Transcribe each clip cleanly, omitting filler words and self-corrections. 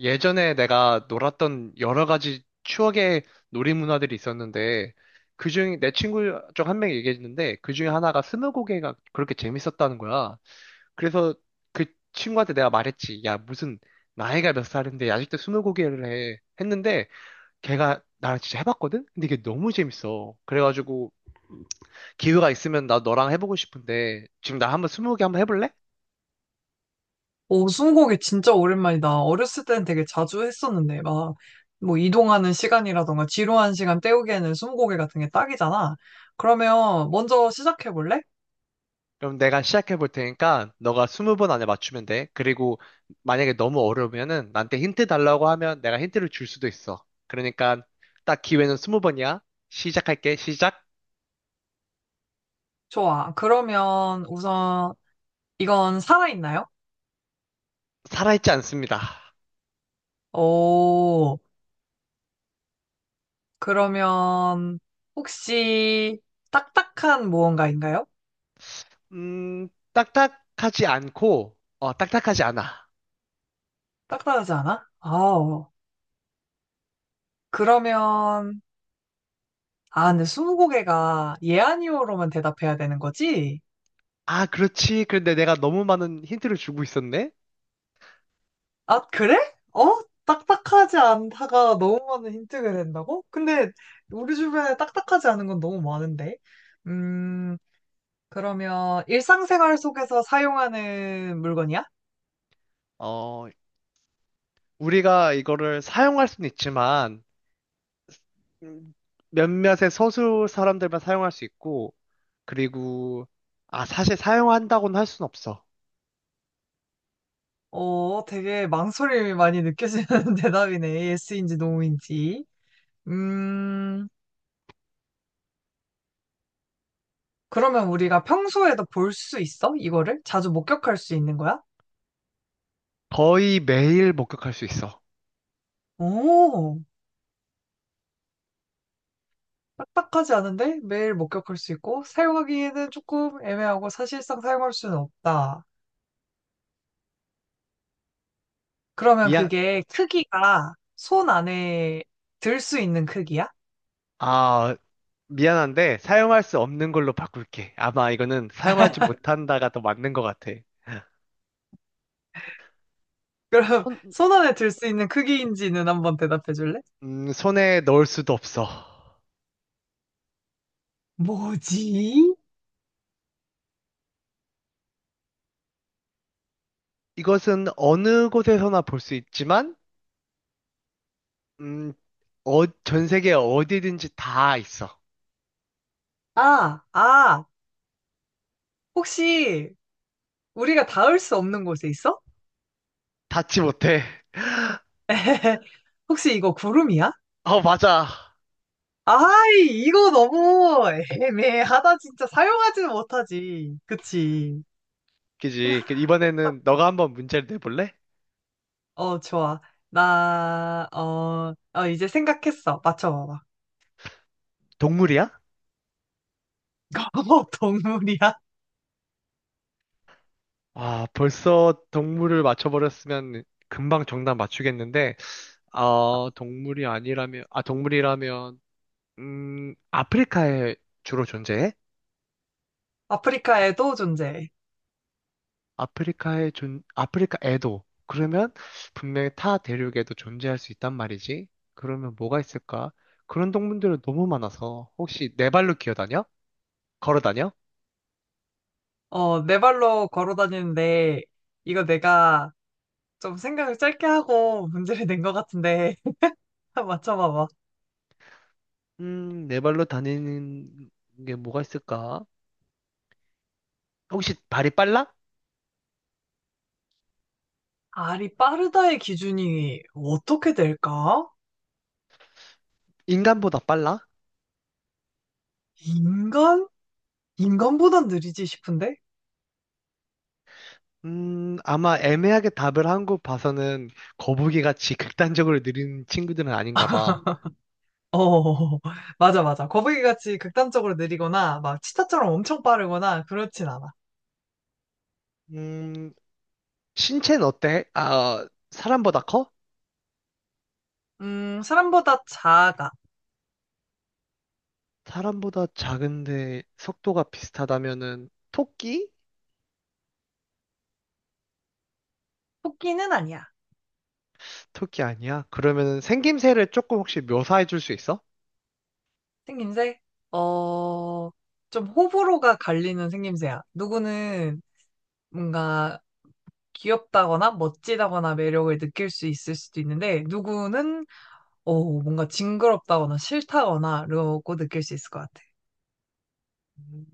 예전에 내가 놀았던 여러 가지 추억의 놀이 문화들이 있었는데, 그중, 내 친구 중 한 명이 얘기했는데, 그 중에 하나가 스무고개가 그렇게 재밌었다는 거야. 그래서 그 친구한테 내가 말했지. 야, 무슨, 나이가 몇 살인데 아직도 스무고개를 해. 했는데, 걔가 나랑 진짜 해봤거든? 근데 이게 너무 재밌어. 그래가지고, 기회가 있으면 나 너랑 해보고 싶은데, 지금 나 한번 스무고개 한번 해볼래? 오, 스무고개 진짜 오랜만이다. 어렸을 땐 되게 자주 했었는데, 이동하는 시간이라던가, 지루한 시간 때우기에는 스무고개 같은 게 딱이잖아. 그러면 먼저 시작해볼래? 그럼 내가 시작해 볼 테니까 너가 20번 안에 맞추면 돼. 그리고 만약에 너무 어려우면은 나한테 힌트 달라고 하면 내가 힌트를 줄 수도 있어. 그러니까 딱 기회는 20번이야. 시작할게. 시작. 좋아. 그러면 우선, 이건 살아있나요? 살아있지 않습니다. 오, 그러면 혹시 딱딱한 무언가인가요? 음, 딱딱하지 않고, 딱딱하지 않아. 딱딱하지 않아? 아우. 그러면, 아, 근데 스무고개가 예, 아니오로만 대답해야 되는 거지? 아, 그렇지. 그런데 내가 너무 많은 힌트를 주고 있었네? 아, 그래? 어? 딱딱하지 않다가 너무 많은 힌트가 된다고? 근데 우리 주변에 딱딱하지 않은 건 너무 많은데. 음, 그러면 일상생활 속에서 사용하는 물건이야? 어, 우리가 이거를 사용할 수는 있지만 음, 몇몇의 소수 사람들만 사용할 수 있고, 그리고, 아, 사실 사용한다고는 할 순 없어. 어, 되게 망설임이 많이 느껴지는 대답이네. 예스인지 노인지. 음, 그러면 우리가 평소에도 볼 수 있어? 이거를? 자주 목격할 수 있는 거야? 거의 매일 목격할 수 있어. 오. 딱딱하지 않은데 매일 목격할 수 있고 사용하기에는 조금 애매하고 사실상 사용할 수는 없다. 그러면 미안. 그게 크기가 손 안에 들 수 있는 크기야? 아, 미안한데, 사용할 수 없는 걸로 바꿀게. 아마 이거는 사용하지 못한다가 더 맞는 것 같아. 그럼 손, 손 안에 들 수 있는 크기인지는 한번 대답해 줄래? 손에 넣을 수도 없어. 뭐지? 이것은 어느 곳에서나 볼 수 있지만, 음, 전 세계 어디든지 다 있어. 아, 아, 혹시 우리가 닿을 수 없는 곳에 있어? 닿지 못해. 혹시 이거 구름이야? 어, 맞아. 아이, 이거 너무 애매하다, 진짜. 사용하지는 못하지. 그치? 그지? 이번에는 너가 한번 문제를 내볼래? 어, 좋아. 이제 생각했어. 맞춰봐봐. 동물이야? 어, 동물이야? 아, 벌써 동물을 맞춰버렸으면 금방 정답 맞추겠는데, 아, 동물이 아니라면, 아, 동물이라면, 아프리카에 주로 존재해? 아프리카에도 존재해. 아프리카에도. 그러면 분명히 타 대륙에도 존재할 수 있단 말이지. 그러면 뭐가 있을까? 그런 동물들은 너무 많아서, 혹시 네 발로 기어다녀? 걸어다녀? 어, 네 발로 걸어 다니는데, 이거 내가 좀 생각을 짧게 하고 문제를 낸 것 같은데, 맞춰봐봐. 네 발로 다니는 게 뭐가 있을까? 혹시 발이 빨라? 알이 빠르다의 기준이 어떻게 될까? 인간보다 빨라? 인간? 인간보단 느리지 싶은데? 아마 애매하게 답을 한 거 봐서는 거북이같이 극단적으로 느린 친구들은 아닌가 봐. 어, 맞아, 맞아. 거북이같이 극단적으로 느리거나, 막 치타처럼 엄청 빠르거나, 그렇진 않아. 음, 신체는 어때? 사람보다 커? 사람보다 작아. 사람보다 작은데 속도가 비슷하다면은 토끼? 토끼는 아니야. 토끼 아니야? 그러면은 생김새를 조금 혹시 묘사해 줄 수 있어? 생김새? 어, 좀 호불호가 갈리는 생김새야. 누구는 뭔가 귀엽다거나 멋지다거나 매력을 느낄 수 있을 수도 있는데, 누구는 어, 뭔가 징그럽다거나 싫다거나 라고 느낄 수 있을 것 같아. 음,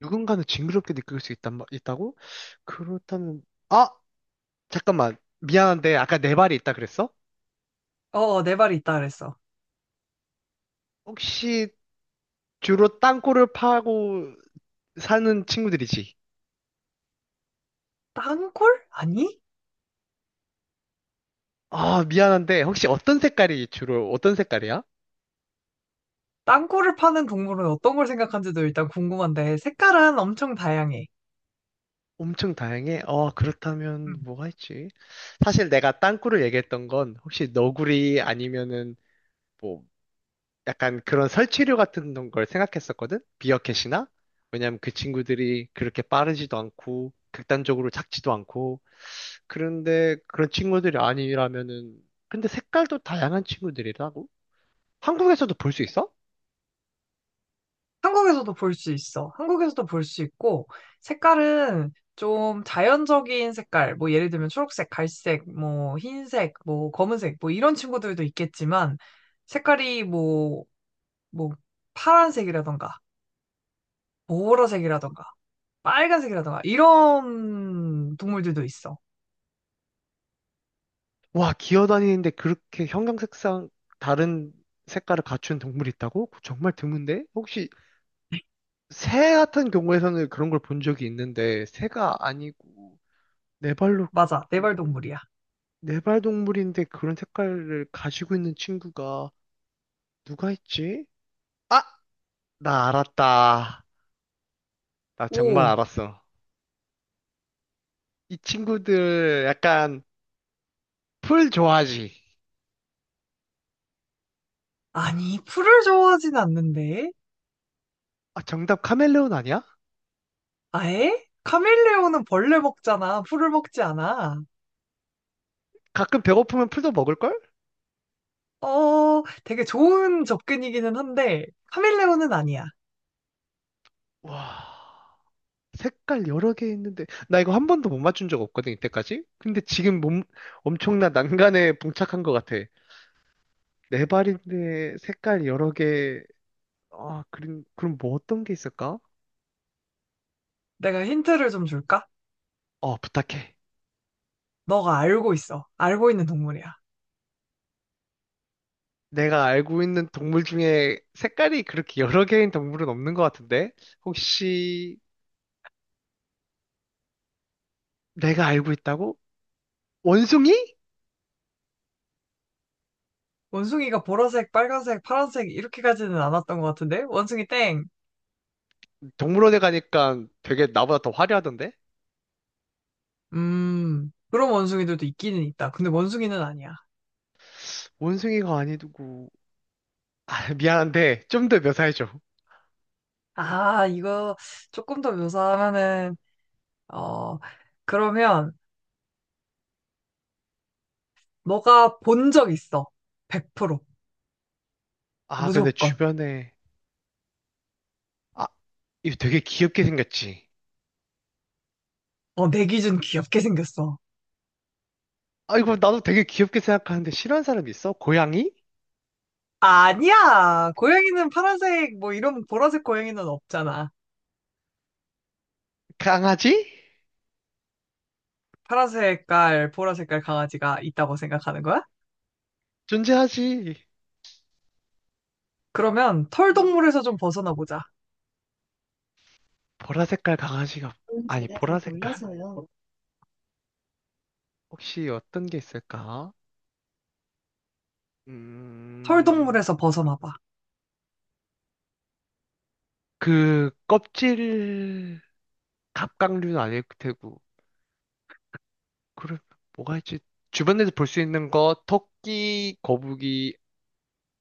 누군가는 징그럽게 느낄 수 있단, 있다고? 그렇다면, 아! 잠깐만. 미안한데 아까 네 발이 있다 그랬어? 내 발이 있다 그랬어. 혹시 주로 땅굴을 파고 사는 친구들이지. 땅굴? 아니? 아, 미안한데, 혹시 어떤 색깔이야? 땅굴을 파는 동물은 어떤 걸 생각한지도 일단 궁금한데, 색깔은 엄청 다양해. 엄청 다양해? 음. 그렇다면 뭐가 있지? 사실 내가 땅굴을 얘기했던 건 혹시 너구리 아니면은 뭐 약간 그런 설치류 같은 걸 생각했었거든? 비어캣이나? 왜냐면 그 친구들이 그렇게 빠르지도 않고 극단적으로 작지도 않고 그런데 그런 친구들이 아니라면은 근데 색깔도 다양한 친구들이라고? 한국에서도 볼 수 있어? 한국에서도 볼 수 있어. 한국에서도 볼 수 있고, 색깔은 좀 자연적인 색깔, 뭐 예를 들면 초록색, 갈색, 뭐 흰색, 뭐 검은색, 뭐 이런 친구들도 있겠지만, 색깔이 뭐, 파란색이라던가, 보라색이라던가, 빨간색이라던가, 이런 동물들도 있어. 와, 기어다니는데 그렇게 형형색상 다른 색깔을 갖춘 동물이 있다고? 그거 정말 드문데? 혹시 새 같은 경우에서는 그런 걸 본 적이 있는데 새가 아니고 네 발로 맞아, 네발동물이야. 네발 동물인데 그런 색깔을 가지고 있는 친구가 누가 있지? 아, 나 알았다. 나 정말 오, 알았어. 이 친구들 약간 풀 좋아하지? 아니, 풀을 좋아하진 않는데? 아, 정답 카멜레온 아니야? 아예? 카멜레온은 벌레 먹잖아. 풀을 먹지 않아. 가끔 배고프면 풀도 먹을걸? 어, 되게 좋은 접근이기는 한데, 카멜레온은 아니야. 와. 색깔 여러 개 있는데 나 이거 한 번도 못 맞춘 적 없거든 이때까지. 근데 지금 몸 엄청난 난간에 봉착한 것 같아. 네 발인데 색깔 여러 개아. 그럼 뭐 어떤 게 있을까? 내가 힌트를 좀 줄까? 어, 부탁해. 너가 알고 있어. 알고 있는 동물이야. 내가 알고 있는 동물 중에 색깔이 그렇게 여러 개인 동물은 없는 것 같은데. 혹시 내가 알고 있다고. 원숭이? 원숭이가 보라색, 빨간색, 파란색 이렇게 가지는 않았던 것 같은데? 원숭이 땡. 동물원에 가니까 되게 나보다 더 화려하던데. 그런 원숭이들도 있기는 있다. 근데 원숭이는 아니야. 원숭이가 아니고. 아, 미안한데 좀 더 묘사해줘. 아, 이거 조금 더 묘사하면은, 어, 그러면 너가 본 적 있어. 100%. 아, 근데 무조건. 주변에. 아, 이거 되게 귀엽게 생겼지? 어, 내 기준 귀엽게 생겼어. 아, 이거 나도 되게 귀엽게 생각하는데 싫어하는 사람이 있어? 고양이? 아니야. 고양이는 파란색, 뭐 이런 보라색 고양이는 없잖아. 강아지? 파란색 깔, 보라색 깔 강아지가 있다고 생각하는 거야? 존재하지. 그러면 털동물에서 좀 벗어나 보자. 보라 색깔 강아지가, 아니, 보라 색깔? 혹시 어떤 게 있을까? 음, 털동물에서 벗어나봐. 그, 껍질, 갑각류는 아닐 테고. 그럼 뭐가 있지? 주변에서 볼 수 있는 거, 토끼, 거북이,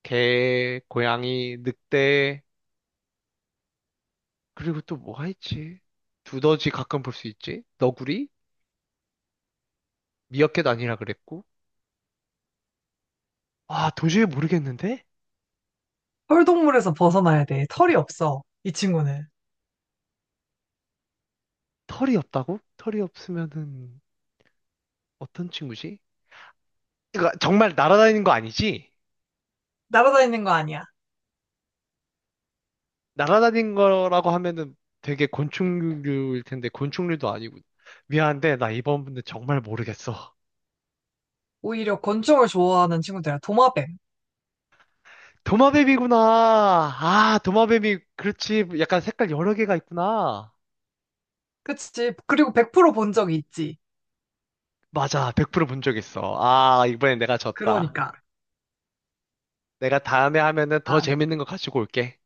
개, 고양이, 늑대, 그리고 또 뭐가 있지? 두더지 가끔 볼 수 있지? 너구리? 미어캣 아니라 그랬고, 아, 도저히 모르겠는데? 털동물에서 벗어나야 돼. 털이 없어. 이 친구는. 털이 없다고? 털이 없으면은 어떤 친구지? 그러니까 정말 날아다니는 거 아니지? 날아다니는 거 아니야. 날아다닌 거라고 하면은 되게 곤충류일 텐데, 곤충류도 아니고. 미안한데, 나 이번 분들 정말 모르겠어. 오히려 곤충을 좋아하는 친구들이야. 도마뱀. 도마뱀이구나. 아, 도마뱀이, 그렇지. 약간 색깔 여러 개가 있구나. 그치? 그리고 100% 본 적이 있지. 맞아, 100% 본 적 있어. 아, 이번엔 아, 내가 졌다. 그러니까. 내가 다음에 하면은 더 아, 재밌는 거 가지고 올게.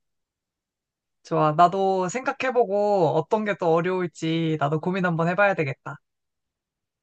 좋아. 나도 생각해보고 어떤 게 또 어려울지 나도 고민 한번 해봐야 되겠다.